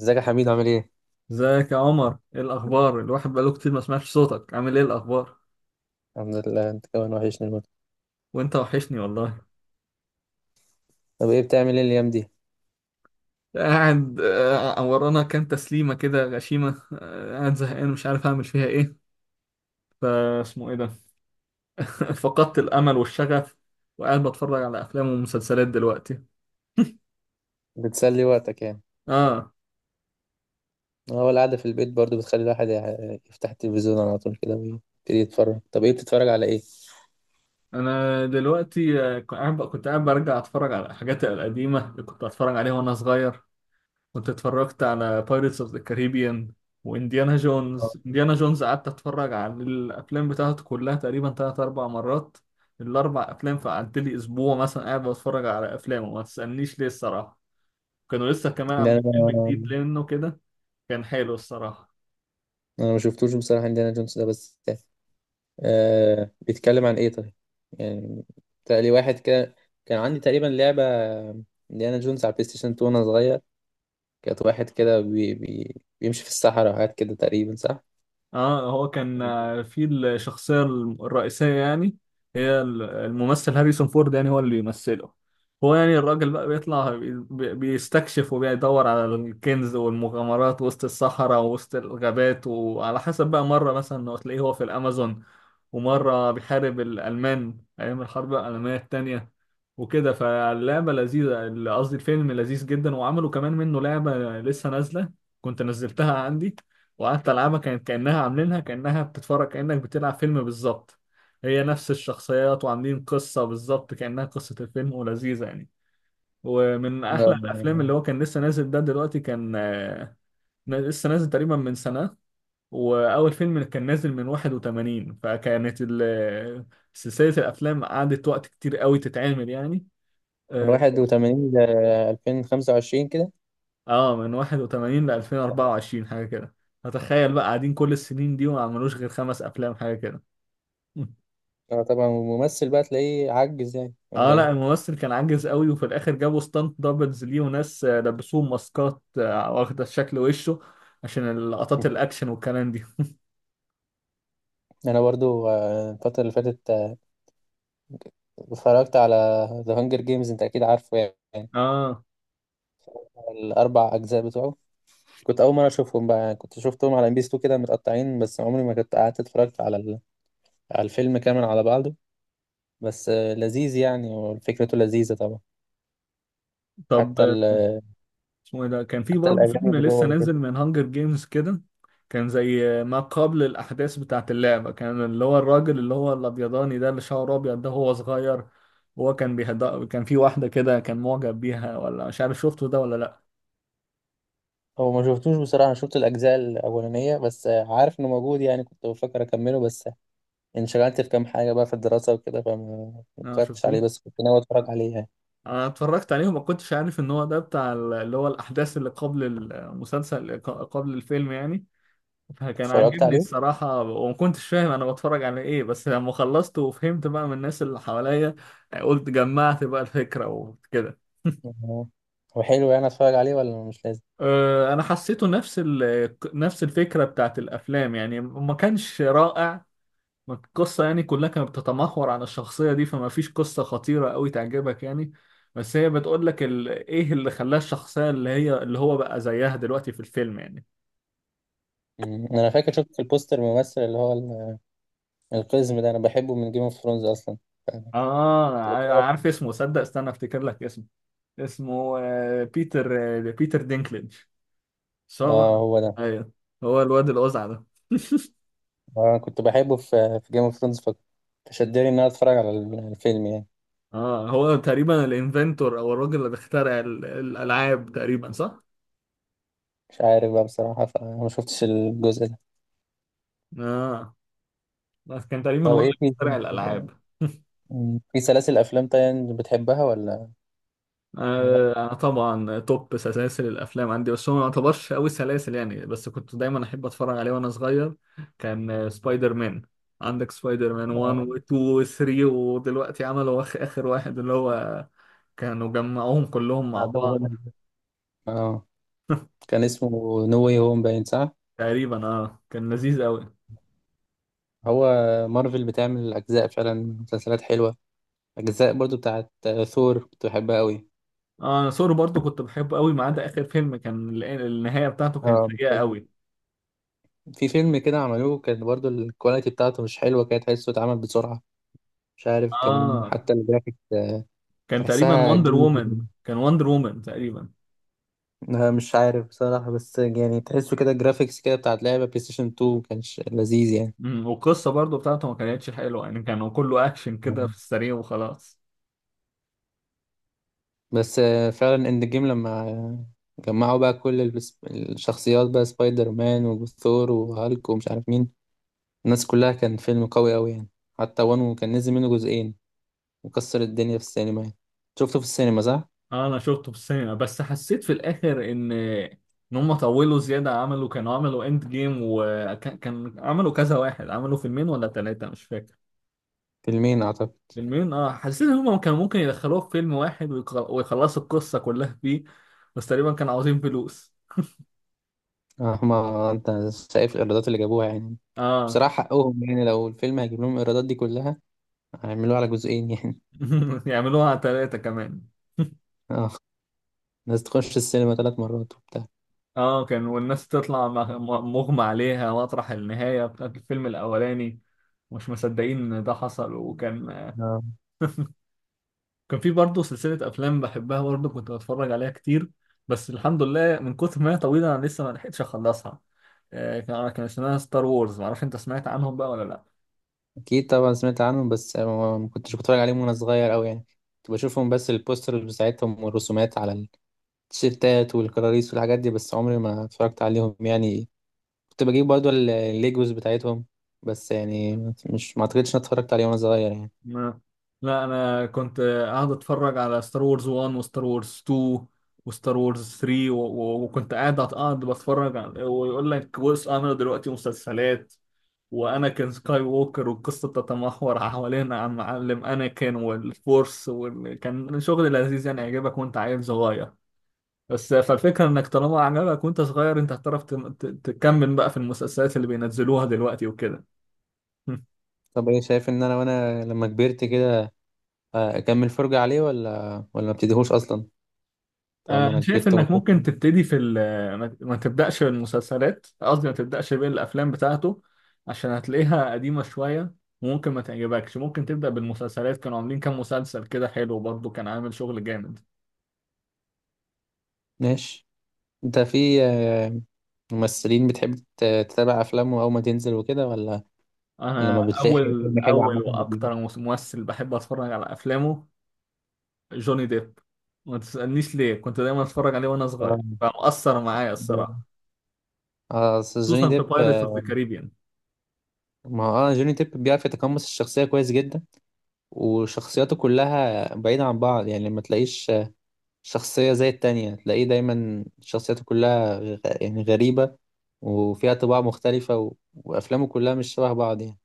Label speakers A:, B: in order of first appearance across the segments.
A: ازيك يا حميد، عامل ايه؟
B: ازيك يا عمر؟ ايه الاخبار؟ الواحد بقاله كتير ما سمعش صوتك. عامل ايه الاخبار؟
A: الحمد لله، انت كمان وحشني الموت.
B: وانت وحشني والله.
A: طب ايه بتعمل ايه الايام دي؟
B: قاعد. ورانا كام تسليمه كده غشيمه. قاعد زهقان مش عارف اعمل فيها ايه. فاسمه ايه ده؟ فقدت الامل والشغف. وقاعد بتفرج على افلام ومسلسلات دلوقتي.
A: بتسلي وقتك يعني.
B: اه.
A: هو القعدة في البيت برضو بتخلي الواحد يفتح التلفزيون على طول كده ويبتدي يتفرج. طب ايه بتتفرج على ايه؟
B: انا دلوقتي، كنت قاعد برجع اتفرج على الحاجات القديمه اللي كنت اتفرج عليها وانا صغير. كنت اتفرجت على بايرتس اوف ذا كاريبيان وانديانا جونز.
A: آه.
B: انديانا جونز قعدت اتفرج على الافلام بتاعته كلها تقريبا تلات اربع مرات، الاربع افلام. فقعدت لي اسبوع مثلا قاعد بتفرج على افلامه، ما تسالنيش ليه الصراحه. كانوا لسه كمان
A: ان انا
B: عاملين فيلم جديد لانه كده، كان حلو الصراحه.
A: انا ما شفتوش بصراحة انديانا جونز ده، بس آه بيتكلم عن ايه طيب؟ يعني لي واحد كده، كان عندي تقريبا لعبة انديانا جونز على البلاي ستيشن 2 وانا صغير. كانت واحد كده بيمشي في الصحراء وحاجات كده تقريبا، صح؟
B: اه، هو كان، في الشخصية الرئيسية يعني. هي الممثل هاريسون فورد يعني هو اللي بيمثله. هو يعني الراجل بقى بيطلع، بيستكشف وبيدور على الكنز والمغامرات وسط الصحراء ووسط الغابات، وعلى حسب بقى. مرة مثلا هو تلاقيه هو في الأمازون، ومرة بيحارب الألمان أيام الحرب العالمية التانية وكده. فاللعبة لذيذة، قصدي الفيلم لذيذ جدا. وعملوا كمان منه لعبة لسه نازلة، كنت نزلتها عندي وقعدت ألعبها، كانت كأنها عاملينها كأنها بتتفرج، كأنك بتلعب فيلم بالظبط. هي نفس الشخصيات وعاملين قصة بالظبط كأنها قصة الفيلم، ولذيذة يعني، ومن أحلى الأفلام. اللي هو كان لسه نازل ده دلوقتي، كان لسه نازل تقريبا من سنة. واول فيلم كان نازل من 81، فكانت سلسله الافلام قعدت وقت كتير قوي تتعمل يعني.
A: من 81 ل 2025 كده.
B: اه، من 81 ل
A: لا.
B: 2024 حاجه كده. فتخيل بقى قاعدين كل السنين دي وما عملوش غير 5 افلام حاجه كده.
A: اه طبعا، وممثل بقى تلاقيه عجز يعني، ولا
B: اه لا،
A: ايه؟
B: الممثل كان عاجز قوي، وفي الاخر جابوا ستانت دبلز ليه، وناس لبسوه ماسكات واخده شكل وشه عشان لقطات الاكشن والكلام دي.
A: انا برضو الفترة اللي فاتت اتفرجت على ذا هانجر جيمز. انت اكيد عارفه يعني،
B: اه.
A: الاربع اجزاء بتوعه. كنت اول مرة اشوفهم بقى يعني، كنت شفتهم على ام بي 2 كده متقطعين، بس عمري ما كنت قعدت اتفرجت على على الفيلم كامل على بعضه. بس لذيذ يعني، وفكرته لذيذة طبعا.
B: طب
A: حتى ال...
B: اسمه ايه ده؟ كان في
A: حتى
B: برضه
A: الاغاني
B: فيلم
A: اللي
B: لسه
A: جوه.
B: نازل من هانجر جيمز كده، كان زي ما قبل الاحداث بتاعت اللعبه. كان اللي هو الراجل اللي هو الابيضاني ده، اللي شعره ابيض ده، هو صغير. هو كان بيهد، كان في واحده كده كان معجب بيها، ولا مش عارف. شفته ده ولا لا؟
A: هو ما شفتوش بصراحة، أنا شفت الأجزاء الأولانية بس. عارف إنه موجود يعني، كنت بفكر أكمله بس انشغلت في كام حاجة بقى في الدراسة وكده، فما ما
B: اه
A: اتفرجتش عليه،
B: شفتوه.
A: بس كنت ناوي أتفرج
B: آه.
A: عليه يعني.
B: انا اتفرجت عليه وما كنتش عارف ان هو ده بتاع اللي هو الاحداث اللي قبل المسلسل، قبل الفيلم يعني. فكان
A: اتفرجت
B: عاجبني
A: عليه.
B: الصراحة، وما كنتش فاهم أنا بتفرج على إيه، بس لما خلصت وفهمت بقى من الناس اللي حواليا، قلت جمعت بقى الفكرة وكده.
A: آه، هو حلو يعني؟ أتفرج عليه ولا مش لازم؟
B: أنا حسيته نفس نفس الفكرة بتاعت الأفلام يعني، ما كانش رائع. القصة يعني كلها كانت بتتمحور على الشخصية دي، فما فيش قصة خطيرة أوي تعجبك يعني. بس هي بتقول لك، إيه اللي خلاها الشخصية اللي هي اللي هو بقى زيها دلوقتي في الفيلم يعني.
A: مم. أنا فاكر شفت في البوستر الممثل اللي هو القزم ده، أنا بحبه من جيم اوف ثرونز أصلا.
B: آه،
A: كنت بتفرج-
B: عارف اسمه. صدق، استنى أفتكر لك اسمه. اسمه بيتر. بيتر دينكليج.
A: آه،
B: صور.
A: هو ده.
B: ايوه، هو الواد الأزعة ده.
A: آه، كنت بحبه في جيم اوف ثرونز، فشدني إن أنا أتفرج على الفيلم يعني.
B: اه، هو تقريبا الانفنتور او الراجل اللي بيخترع الالعاب تقريبا، صح؟
A: مش عارف بقى بصراحة، فما شفتش الجزء ده.
B: اه، بس كان تقريبا
A: طب
B: هو
A: إيه
B: اللي
A: فيه؟
B: بيخترع الالعاب.
A: مم. في سلاسل أفلام تانية بتحبها، ولا لأ؟
B: آه، انا طبعا توب سلاسل الافلام عندي، بس هو ما يعتبرش قوي سلاسل يعني، بس كنت دايما احب اتفرج عليه وانا صغير. كان سبايدر مان. عندك سبايدر مان
A: آه،
B: 1 و2 و3، ودلوقتي عملوا اخر واحد، اللي هو كانوا جمعوهم كلهم مع
A: بتاع توم
B: بعض
A: هولاند. اه، كان اسمه نو واي هوم باين، صح؟
B: تقريبا. اه كان لذيذ قوي.
A: هو مارفل بتعمل أجزاء فعلا، مسلسلات حلوة. أجزاء برضو بتاعت ثور كنت بحبها أوي.
B: اه انا سوري برضو كنت بحبه قوي، ما عدا اخر فيلم كان النهايه بتاعته كانت
A: اه
B: سيئه
A: بتحب.
B: قوي.
A: في فيلم كده عملوه، كان برضو الكواليتي بتاعته مش حلوة، كده تحسه اتعمل بسرعة. مش عارف، كان
B: اه،
A: حتى الجرافيك
B: كان تقريبا
A: تحسها
B: وندر
A: جيم كده.
B: وومن، تقريبا.
A: أنا مش عارف بصراحة، بس يعني تحسه كده الجرافيكس كده بتاعت لعبة بلاي ستيشن 2 مكانش لذيذ يعني.
B: والقصه برضو بتاعته ما كانتش حلوه يعني، كانوا كله اكشن كده في السريع وخلاص.
A: بس فعلا اند جيم لما جمعوا بقى كل الشخصيات بقى، سبايدر مان وثور وهالك ومش عارف مين، الناس كلها، كان فيلم قوي قوي يعني. حتى وانو كان نزل منه جزئين وكسر الدنيا في السينما يعني. شفته في السينما، صح؟
B: اه انا شفته في السينما، بس حسيت في الاخر ان هم طولوا زياده. كانوا عملوا اند جيم، وكان عملوا كذا واحد. عملوا فيلمين ولا ثلاثه مش فاكر.
A: فيلمين اعتقد.
B: فيلمين. اه، حسيت ان هم كانوا ممكن يدخلوه في فيلم واحد ويخلصوا القصة كلها فيه، بس تقريبا كانوا عاوزين فلوس.
A: هما انت شايف الايرادات اللي جابوها يعني،
B: اه.
A: بصراحة حقهم يعني، لو الفيلم هيجيب لهم الايرادات دي كلها هيعملوه على جزئين يعني.
B: يعملوها على ثلاثة كمان.
A: اه، الناس تخش السينما ثلاث مرات وبتاع.
B: اه، كان والناس تطلع مغمى عليها مطرح النهاية بتاعت الفيلم الأولاني، مش مصدقين إن ده حصل. وكان، في برضه سلسلة أفلام بحبها برضه، كنت بتفرج عليها كتير، بس الحمد لله من كتر ما هي طويلة أنا لسه ما لحقتش أخلصها. كان اسمها ستار وورز. معرفش أنت سمعت عنهم بقى ولا لأ.
A: اكيد طبعا سمعت عنهم، بس ما كنتش بتفرج عليهم وانا صغير قوي يعني. كنت بشوفهم بس البوسترز بتاعتهم والرسومات على التيشيرتات والكراريس والحاجات دي، بس عمري ما اتفرجت عليهم يعني. كنت بجيب برضو الليجوز بتاعتهم بس يعني، مش ما اعتقدش اني اتفرجت عليه وانا صغير يعني.
B: ما لا، انا كنت قاعد اتفرج على ستار وورز 1 وستار وورز 2 وستار وورز 3 وكنت قاعد بتفرج على... ويقول لك بص، انا دلوقتي مسلسلات. وانا كان سكاي ووكر، والقصه تتمحور حوالين عن معلم اناكين والفورس، وكان شغل لذيذ يعني يعجبك وانت عيل صغير. بس فالفكره انك طالما عجبك وانت صغير، انت هتعرف تكمل بقى في المسلسلات اللي بينزلوها دلوقتي وكده.
A: طب ايه شايف ان انا، وانا لما كبرت كده اكمل فرجة عليه ولا ما ابتديهوش اصلا، طالما
B: أنا
A: انا
B: شايف
A: كبرت
B: إنك
A: ومتفرجت؟
B: ممكن تبتدي في ال. ما تبدأش بالمسلسلات، قصدي ما تبدأش بالأفلام بتاعته عشان هتلاقيها قديمة شوية وممكن ما تعجبكش. ممكن تبدأ بالمسلسلات، كانوا عاملين كام مسلسل كده حلو برضه، كان عامل شغل جامد.
A: ماشي. انت في ممثلين بتحب تتابع افلامه اول ما تنزل وكده، ولا
B: أنا
A: لما بتلاقي فيلم
B: أول
A: حلو
B: أول
A: عامة بتجيبه؟
B: وأكتر ممثل بحب أتفرج على أفلامه، جوني ديب. ما تسألنيش ليه، كنت دايما أتفرج عليه وأنا
A: اه،
B: صغير فمؤثر معايا
A: ده
B: الصراحة،
A: اه أصل جوني
B: خصوصا في
A: ديب
B: بايرتس أوف ذا كاريبيان.
A: ما هو اه، جوني ديب بيعرف يتقمص الشخصية كويس جدا، وشخصياته كلها بعيدة عن بعض يعني، ما تلاقيش شخصية زي التانية، تلاقيه دايما شخصياته كلها يعني غريبة، وفيها طباع مختلفة، وأفلامه كلها مش شبه بعض يعني،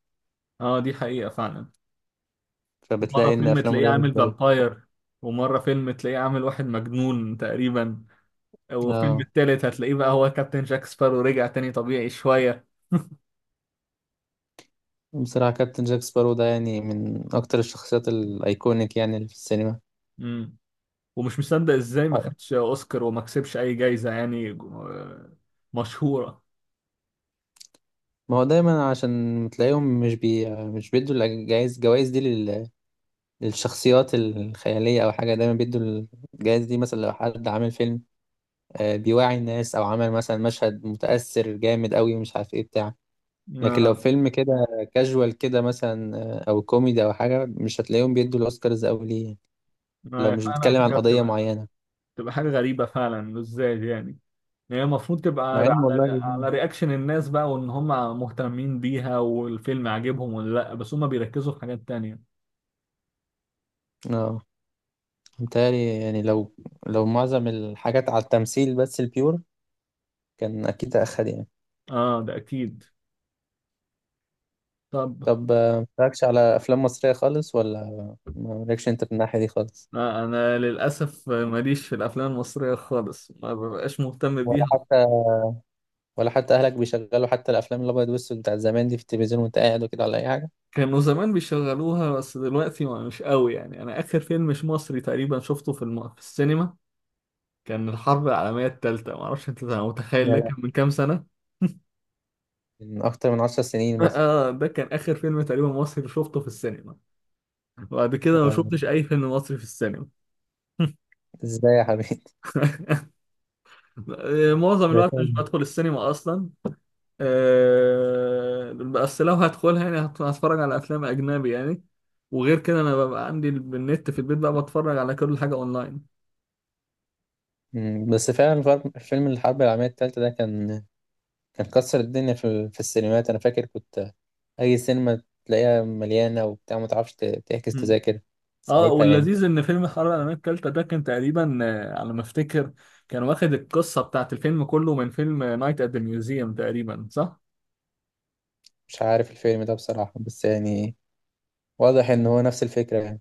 B: اه، دي حقيقة فعلا. مرة
A: فبتلاقي إن
B: فيلم
A: أفلامه
B: تلاقيه
A: دايما
B: عامل
A: كويسة.
B: فامباير، ومرة فيلم تلاقيه عامل واحد مجنون تقريبا، وفيلم
A: اه،
B: التالت هتلاقيه بقى هو كابتن جاك سبارو رجع تاني طبيعي شوية.
A: بصراحة كابتن جاك سبارو ده يعني من أكتر الشخصيات الأيكونيك يعني اللي في السينما.
B: مم. ومش مصدق ازاي ما خدش اوسكار وما كسبش اي جايزة يعني، مشهورة.
A: ما هو دايما عشان تلاقيهم مش بيدوا الجوائز دي للشخصيات الخيالية أو حاجة. دايما بيدوا الجوائز دي مثلا لو حد عامل فيلم بيوعي الناس، أو عمل مثلا مشهد متأثر جامد أوي ومش عارف إيه بتاع. لكن لو
B: ما
A: فيلم كده كاجوال كده مثلا أو كوميدي أو حاجة، مش هتلاقيهم بيدوا الأوسكارز أوي ليه يعني، لو
B: ما
A: مش
B: فعلا
A: بيتكلم عن
B: حاجة
A: قضية
B: بتبقى
A: معينة.
B: بتبقى حاجة غريبة فعلا، ازاي يعني. يعني هي المفروض تبقى
A: مع
B: على
A: إن والله،
B: رياكشن الناس بقى، وان هم مهتمين بيها والفيلم عاجبهم ولا لا، بس هم بيركزوا في حاجات تانية.
A: اه متهيألي يعني لو معظم الحاجات على التمثيل بس البيور، كان أكيد أخد يعني.
B: اه ده اكيد. طب.
A: طب متفرجش على افلام مصريه خالص، ولا مالكش انت في الناحيه دي خالص؟
B: لا، انا للاسف ماليش في الافلام المصريه خالص، ما ببقاش مهتم بيها.
A: ولا حتى ولا حتى اهلك بيشغلوا حتى الافلام الابيض والاسود بتاع زمان دي في التلفزيون وانت قاعد وكده، ولا اي حاجه؟
B: كانوا زمان بيشغلوها بس دلوقتي ما مش قوي يعني. انا اخر فيلم مش مصري تقريبا شفته في في السينما كان الحرب العالميه الثالثه. ما اعرفش انت
A: لا،
B: متخيل، ده
A: لا.
B: كان من كام سنه.
A: من اكتر من 10 سنين مثلا؟
B: اه ده كان اخر فيلم تقريبا مصري شفته في السينما. بعد كده ما شفتش
A: آه،
B: اي فيلم مصري في السينما.
A: ازاي يا حبيبي؟
B: معظم
A: ده
B: الوقت مش
A: فيلم.
B: بدخل السينما اصلا. بس لو هدخلها يعني هتفرج على افلام اجنبي يعني. وغير كده انا ببقى عندي النت في البيت بقى، بتفرج على كل حاجه اونلاين.
A: بس فعلا فيلم الحرب العالميه الثالثه ده كان كسر الدنيا في السينمات. انا فاكر كنت اي سينما تلاقيها مليانه وبتاع، ما تعرفش تحجز
B: مم.
A: تذاكر
B: اه،
A: ساعتها يعني.
B: واللذيذ ان فيلم حرب العالميه الثالثه ده كان تقريبا، على ما افتكر، كان واخد القصه بتاعت الفيلم كله من فيلم نايت ات ذا ميوزيوم تقريبا، صح؟
A: مش عارف الفيلم ده بصراحه، بس يعني واضح ان هو نفس الفكره يعني،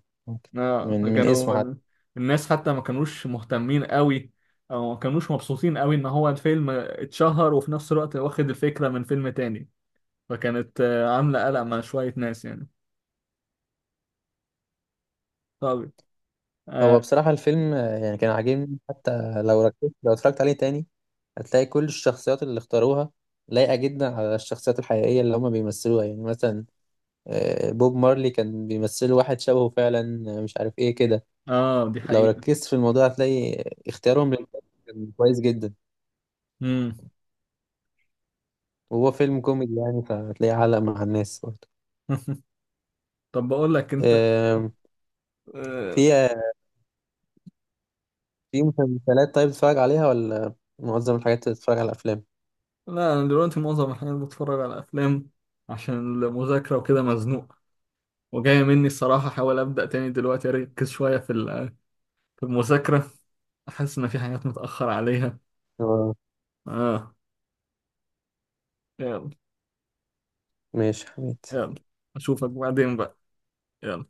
B: اه
A: من اسمه
B: فكانوا
A: حتى.
B: الناس حتى ما كانوش مهتمين قوي، او ما كانوش مبسوطين قوي ان هو الفيلم اتشهر وفي نفس الوقت واخد الفكره من فيلم تاني. فكانت عاملة قلق مع شوية ناس يعني. طب. اه.
A: هو بصراحه الفيلم يعني كان عاجبني، حتى لو ركزت، لو اتفرجت عليه تاني هتلاقي كل الشخصيات اللي اختاروها لايقه جدا على الشخصيات الحقيقيه اللي هما بيمثلوها يعني. مثلا بوب مارلي كان بيمثل واحد شبهه فعلا، مش عارف ايه كده،
B: آه، دي
A: لو
B: حقيقة.
A: ركزت في الموضوع هتلاقي اختيارهم للكاست كان كويس جدا.
B: مم.
A: وهو فيلم كوميدي يعني، فهتلاقيه علق مع الناس برضه.
B: طب بقول لك انت.
A: آم،
B: آه
A: في آه، في مسلسلات طيب بتتفرج عليها، ولا معظم الحاجات بتتفرج على افلام؟
B: لا، انا دلوقتي معظم الحاجات بتفرج على افلام، عشان المذاكرة وكده مزنوق. وجاية مني الصراحة احاول ابدأ تاني دلوقتي اركز شوية في في المذاكرة. احس ان في حاجات متأخر عليها.
A: اه،
B: اه. يلا.
A: ماشي حميد.
B: يلا، اشوفك بعدين بقى. يلا،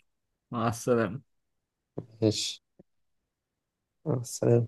B: مع السلامة.
A: ماشي، مع السلامة.